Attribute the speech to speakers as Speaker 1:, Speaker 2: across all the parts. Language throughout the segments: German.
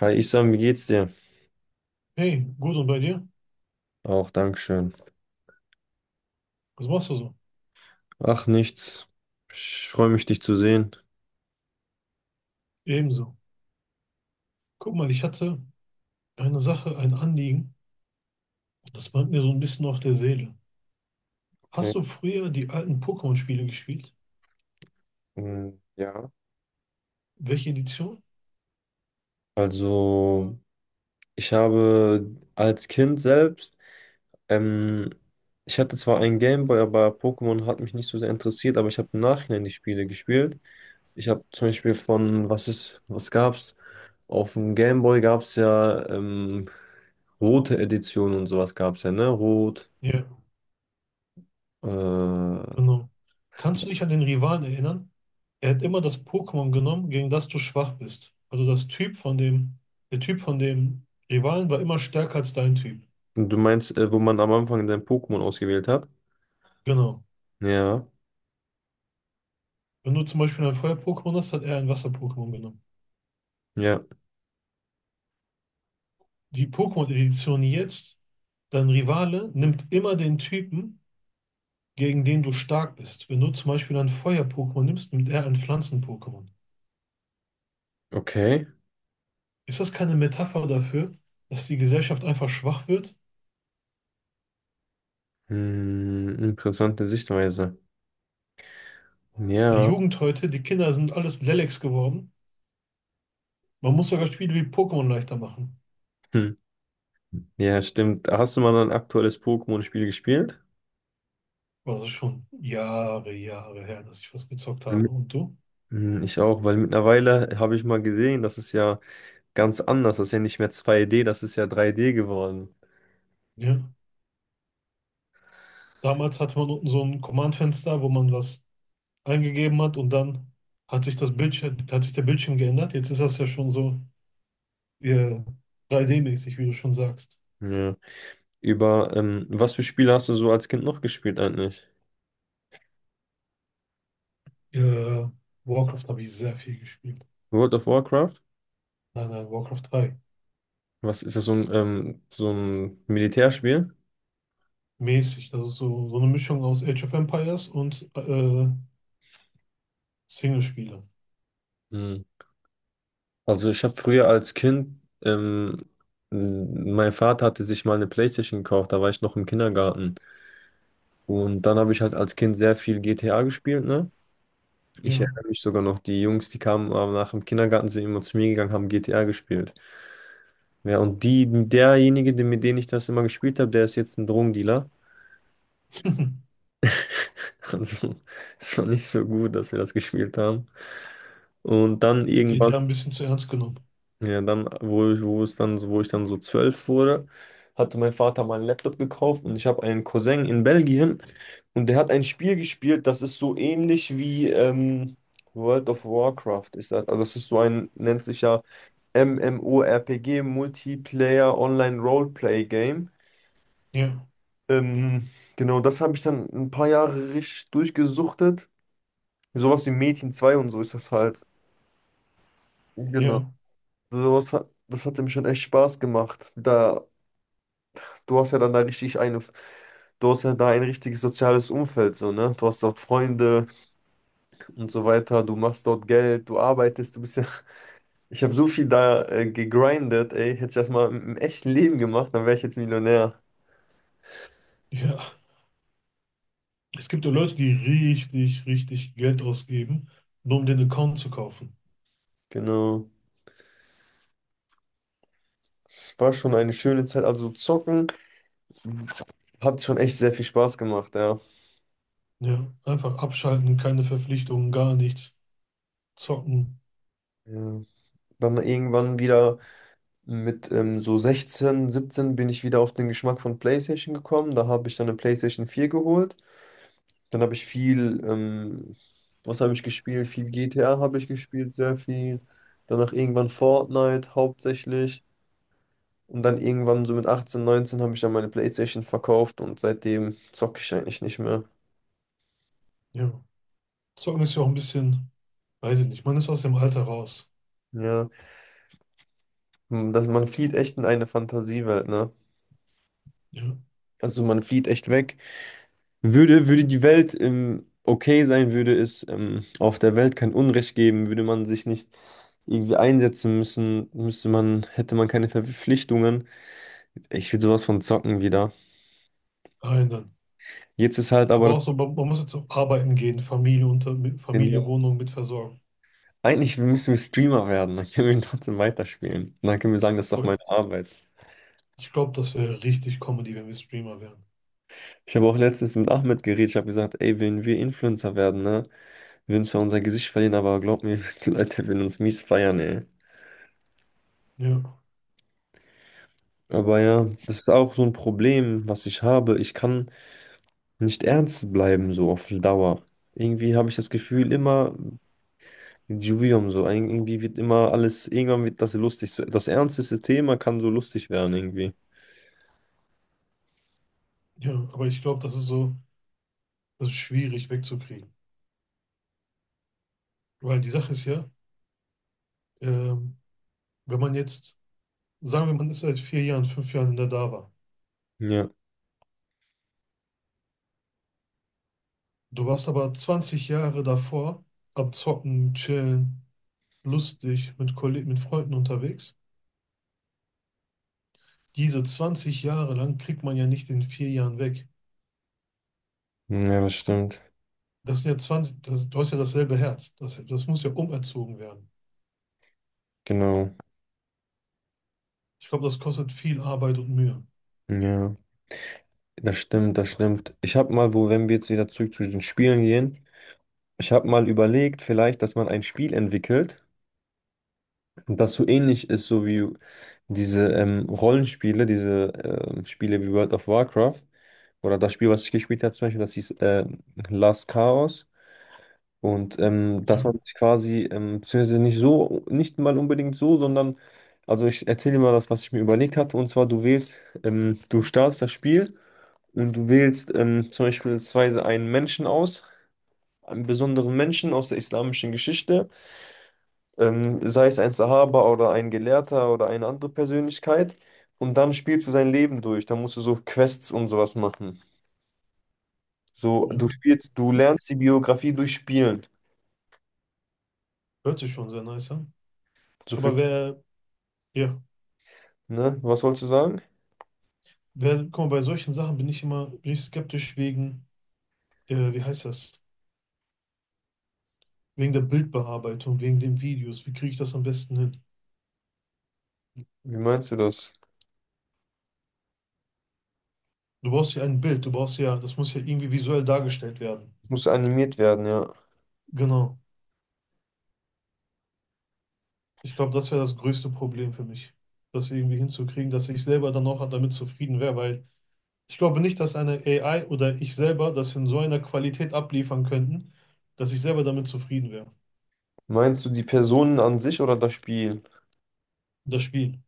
Speaker 1: Hi Isam, wie geht's dir?
Speaker 2: Hey, gut und bei dir?
Speaker 1: Auch, Dankeschön.
Speaker 2: Was machst du so?
Speaker 1: Ach, nichts. Ich freue mich, dich zu sehen.
Speaker 2: Ebenso. Guck mal, ich hatte eine Sache, ein Anliegen, das brennt mir so ein bisschen auf der Seele.
Speaker 1: Okay.
Speaker 2: Hast du früher die alten Pokémon-Spiele gespielt?
Speaker 1: Mm, ja.
Speaker 2: Welche Edition?
Speaker 1: Also, ich habe als Kind selbst, ähm, ich hatte zwar einen Gameboy, aber Pokémon hat mich nicht so sehr interessiert, aber ich habe im Nachhinein die Spiele gespielt. Ich habe zum Beispiel von, was ist, was gab's? Auf dem Gameboy gab's ja rote Edition und sowas gab's ja, ne? Rot,
Speaker 2: Ja,
Speaker 1: äh,
Speaker 2: genau. Kannst du dich an den Rivalen erinnern? Er hat immer das Pokémon genommen, gegen das du schwach bist. Also das Typ von dem, Der Typ von dem Rivalen war immer stärker als dein Typ.
Speaker 1: Und Du meinst, wo man am Anfang dein Pokémon ausgewählt hat?
Speaker 2: Genau.
Speaker 1: Ja,
Speaker 2: Wenn du zum Beispiel ein Feuer-Pokémon hast, hat er ein Wasser-Pokémon genommen.
Speaker 1: ja,
Speaker 2: Die Pokémon-Edition jetzt, dein Rivale nimmt immer den Typen, gegen den du stark bist. Wenn du zum Beispiel ein Feuer-Pokémon nimmst, nimmt er ein Pflanzen-Pokémon.
Speaker 1: okay.
Speaker 2: Ist das keine Metapher dafür, dass die Gesellschaft einfach schwach wird?
Speaker 1: Hm, interessante Sichtweise.
Speaker 2: Die
Speaker 1: Ja,
Speaker 2: Jugend heute, die Kinder sind alles Lelleks geworden. Man muss sogar Spiele wie Pokémon leichter machen.
Speaker 1: hm. Ja, stimmt. Hast du mal ein aktuelles Pokémon-Spiel gespielt?
Speaker 2: Aber das ist schon Jahre, Jahre her, dass ich was gezockt habe.
Speaker 1: Mhm.
Speaker 2: Und du?
Speaker 1: Hm, ich auch, weil mittlerweile habe ich mal gesehen, das ist ja ganz anders. Das ist ja nicht mehr 2D, das ist ja 3D geworden.
Speaker 2: Ja. Damals hatte man unten so ein Command-Fenster, wo man was eingegeben hat und dann hat sich der Bildschirm geändert. Jetzt ist das ja schon so äh, 3D-mäßig, wie du schon sagst.
Speaker 1: Ja. Über, was für Spiele hast du so als Kind noch gespielt eigentlich?
Speaker 2: Äh, Warcraft habe ich sehr viel gespielt.
Speaker 1: World of Warcraft?
Speaker 2: Nein, nein, Warcraft 3.
Speaker 1: Was ist das, so ein Militärspiel?
Speaker 2: Mäßig. Das ist so, so eine Mischung aus Age of Empires und Singlespiele.
Speaker 1: Hm. Also ich habe früher als Kind, mein Vater hatte sich mal eine PlayStation gekauft, da war ich noch im Kindergarten. Und dann habe ich halt als Kind sehr viel GTA gespielt, ne? Ich
Speaker 2: Ja.
Speaker 1: erinnere mich sogar noch, die Jungs, die kamen nach dem Kindergarten, sind immer zu mir gegangen, haben GTA gespielt. Ja, und die, derjenige, mit dem ich das immer gespielt habe, der ist jetzt ein Drogendealer. Also, es war nicht so gut, dass wir das gespielt haben. Und dann
Speaker 2: Mit
Speaker 1: irgendwann.
Speaker 2: GTA ein bisschen zu ernst genommen.
Speaker 1: Ja, dann, wo ich, wo es dann, wo ich dann so 12 wurde, hatte mein Vater mal einen Laptop gekauft und ich habe einen Cousin in Belgien und der hat ein Spiel gespielt, das ist so ähnlich wie World of Warcraft ist das. Also das ist so ein, nennt sich ja MMORPG, Multiplayer Online Roleplay Game.
Speaker 2: Ja,
Speaker 1: Ähm, genau, das habe ich dann ein paar Jahre richtig durchgesuchtet. Sowas wie Mädchen 2 und so ist das halt. Genau.
Speaker 2: ja,
Speaker 1: Also, sowas hat, das hat ihm schon echt Spaß gemacht. Da du hast ja dann da richtig eine, du hast ja da ein richtiges soziales Umfeld, so, ne? Du hast dort Freunde und so weiter, du machst dort Geld, du arbeitest, du bist ja. Ich habe so viel da gegrindet, ey. Hätte ich das mal im echten Leben gemacht, dann wäre ich jetzt Millionär.
Speaker 2: ja. Es gibt ja Leute, die richtig, richtig Geld ausgeben, nur um den Account zu kaufen.
Speaker 1: Genau. Es war schon eine schöne Zeit. Also zocken hat schon echt sehr viel Spaß gemacht, ja.
Speaker 2: Ja, einfach abschalten, keine Verpflichtungen, gar nichts zocken.
Speaker 1: Ja. Dann irgendwann wieder mit so 16, 17 bin ich wieder auf den Geschmack von PlayStation gekommen. Da habe ich dann eine PlayStation 4 geholt. Dann habe ich viel, was habe ich gespielt? Viel GTA habe ich gespielt, sehr viel. Danach irgendwann Fortnite hauptsächlich. Und dann irgendwann so mit 18, 19 habe ich dann meine PlayStation verkauft und seitdem zocke ich eigentlich nicht mehr.
Speaker 2: Ja. Zocken ist ja auch ein bisschen, weiß ich nicht, man ist aus dem Alter raus.
Speaker 1: Ja, hm, das, man flieht echt in eine Fantasiewelt, ne?
Speaker 2: Ja.
Speaker 1: Also man flieht echt weg. Würde die Welt okay sein, würde es auf der Welt kein Unrecht geben, würde man sich nicht irgendwie einsetzen müssen, müsste man, hätte man keine Verpflichtungen. Ich will sowas von zocken wieder.
Speaker 2: Einen.
Speaker 1: Jetzt ist halt aber
Speaker 2: Aber
Speaker 1: das.
Speaker 2: auch so, man muss jetzt auch arbeiten gehen, Familie unter, mit Familie,
Speaker 1: Problem,
Speaker 2: Wohnung mit versorgen.
Speaker 1: Eigentlich müssen wir Streamer werden, dann können wir ihn trotzdem weiterspielen. Und dann können wir sagen, das ist doch
Speaker 2: Boah,
Speaker 1: meine Arbeit.
Speaker 2: ich glaube, das wäre richtig Comedy, wenn wir Streamer wären.
Speaker 1: Ich habe auch letztens mit Ahmed geredet, ich habe gesagt, ey, wenn wir Influencer werden, ne, wir würden zwar unser Gesicht verlieren, aber glaub mir, die Leute werden uns mies feiern, ey.
Speaker 2: Ja.
Speaker 1: Aber ja, das ist auch so ein Problem, was ich habe. Ich kann nicht ernst bleiben, so auf Dauer. Irgendwie habe ich das Gefühl, immer Juvium so. Irgendwie wird immer alles, irgendwann wird das lustig. So, das ernsteste Thema kann so lustig werden, irgendwie.
Speaker 2: Ja, aber ich glaube, das ist so, das ist schwierig wegzukriegen. Weil die Sache ist ja, ähm, wenn man jetzt, sagen wir, man ist seit 4 Jahren, 5 Jahren in der DAWA.
Speaker 1: Ja,
Speaker 2: Du warst aber 20 Jahre davor am Zocken, Chillen, lustig, mit Kollegen, mit Freunden unterwegs. Diese 20 Jahre lang kriegt man ja nicht in 4 Jahren weg.
Speaker 1: ja, das stimmt.
Speaker 2: Das sind ja 20, das, du hast ja dasselbe Herz. Das, das muss ja umerzogen werden.
Speaker 1: Genau.
Speaker 2: Ich glaube, das kostet viel Arbeit und Mühe.
Speaker 1: Ja, das stimmt, das stimmt. Ich habe mal, wo, wenn wir jetzt wieder zurück zu den Spielen gehen, ich habe mal überlegt, vielleicht, dass man ein Spiel entwickelt, das so ähnlich ist, so wie diese Rollenspiele, diese Spiele wie World of Warcraft oder das Spiel, was ich gespielt habe, zum Beispiel, das hieß Last Chaos. Und dass
Speaker 2: Ja,
Speaker 1: man sich quasi, beziehungsweise nicht so, nicht mal unbedingt so, sondern, also ich erzähle dir mal das, was ich mir überlegt hatte. Und zwar, du wählst, du startest das Spiel und du wählst zum Beispiel einen Menschen aus, einen besonderen Menschen aus der islamischen Geschichte, sei es ein Sahaba oder ein Gelehrter oder eine andere Persönlichkeit. Und dann spielst du sein Leben durch. Dann musst du so Quests und sowas machen. So,
Speaker 2: ja.
Speaker 1: du spielst, du lernst die Biografie durch Spielen.
Speaker 2: Hört sich schon sehr nice an.
Speaker 1: So für,
Speaker 2: Aber wer, ja,
Speaker 1: ne? Was wolltest du sagen?
Speaker 2: guck mal, bei solchen Sachen bin ich skeptisch wegen, wie heißt das? Wegen der Bildbearbeitung, wegen den Videos. Wie kriege ich das am besten hin?
Speaker 1: Wie meinst du das?
Speaker 2: Du brauchst ja ein Bild, das muss ja irgendwie visuell dargestellt werden.
Speaker 1: Muss animiert werden, ja.
Speaker 2: Genau. Ich glaube, das wäre das größte Problem für mich, das irgendwie hinzukriegen, dass ich selber dann auch damit zufrieden wäre, weil ich glaube nicht, dass eine AI oder ich selber das in so einer Qualität abliefern könnten, dass ich selber damit zufrieden wäre.
Speaker 1: Meinst du die Personen an sich oder das Spiel?
Speaker 2: Das Spiel.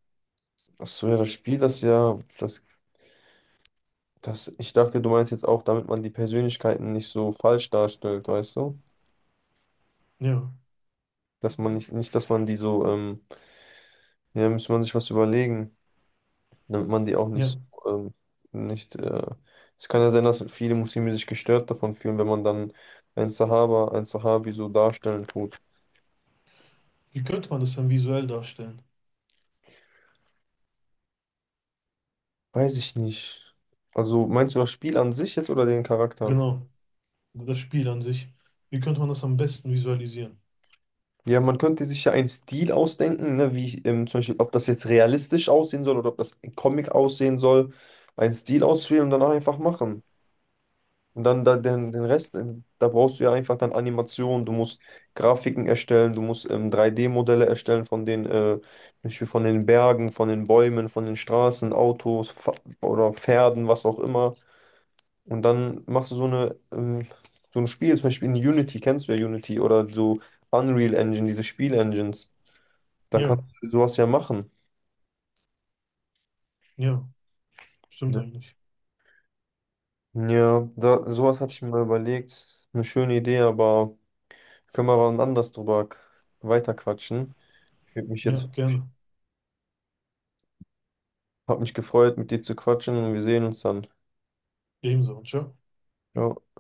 Speaker 1: Ach so, ja, das Spiel, das ja, das, ich dachte, du meinst jetzt auch, damit man die Persönlichkeiten nicht so falsch darstellt, weißt du?
Speaker 2: Ja,
Speaker 1: Dass man nicht, nicht, dass man die so, ja, müsste man sich was überlegen, damit man die auch
Speaker 2: ja.
Speaker 1: nicht so, nicht, es kann ja sein, dass viele Muslime sich gestört davon fühlen, wenn man dann ein Sahaba, ein Sahabi so darstellen tut.
Speaker 2: Wie könnte man das dann visuell darstellen?
Speaker 1: Weiß ich nicht. Also, meinst du das Spiel an sich jetzt oder den Charakter?
Speaker 2: Genau, das Spiel an sich. Wie könnte man das am besten visualisieren?
Speaker 1: Ja, man könnte sich ja einen Stil ausdenken, ne, wie zum Beispiel, ob das jetzt realistisch aussehen soll oder ob das Comic aussehen soll. Einen Stil auswählen und dann einfach machen. Und dann da, den Rest, da brauchst du ja einfach dann Animationen, du musst Grafiken erstellen, du musst 3D-Modelle erstellen von den, zum Beispiel von den Bergen, von den Bäumen, von den Straßen, Autos Fa oder Pferden, was auch immer. Und dann machst du so eine, so ein Spiel, zum Beispiel in Unity, kennst du ja Unity oder so Unreal Engine, diese Spielengines. Da kannst
Speaker 2: Ja,
Speaker 1: du sowas ja machen.
Speaker 2: ja, stimmt eigentlich.
Speaker 1: Ja, da, sowas hatte ich mir mal überlegt. Eine schöne Idee, aber können wir wann anders drüber weiterquatschen. Ich würde mich
Speaker 2: Ja,
Speaker 1: jetzt,
Speaker 2: gerne.
Speaker 1: hab mich gefreut, mit dir zu quatschen und wir sehen uns dann.
Speaker 2: Ebenso. Ciao.
Speaker 1: Ja.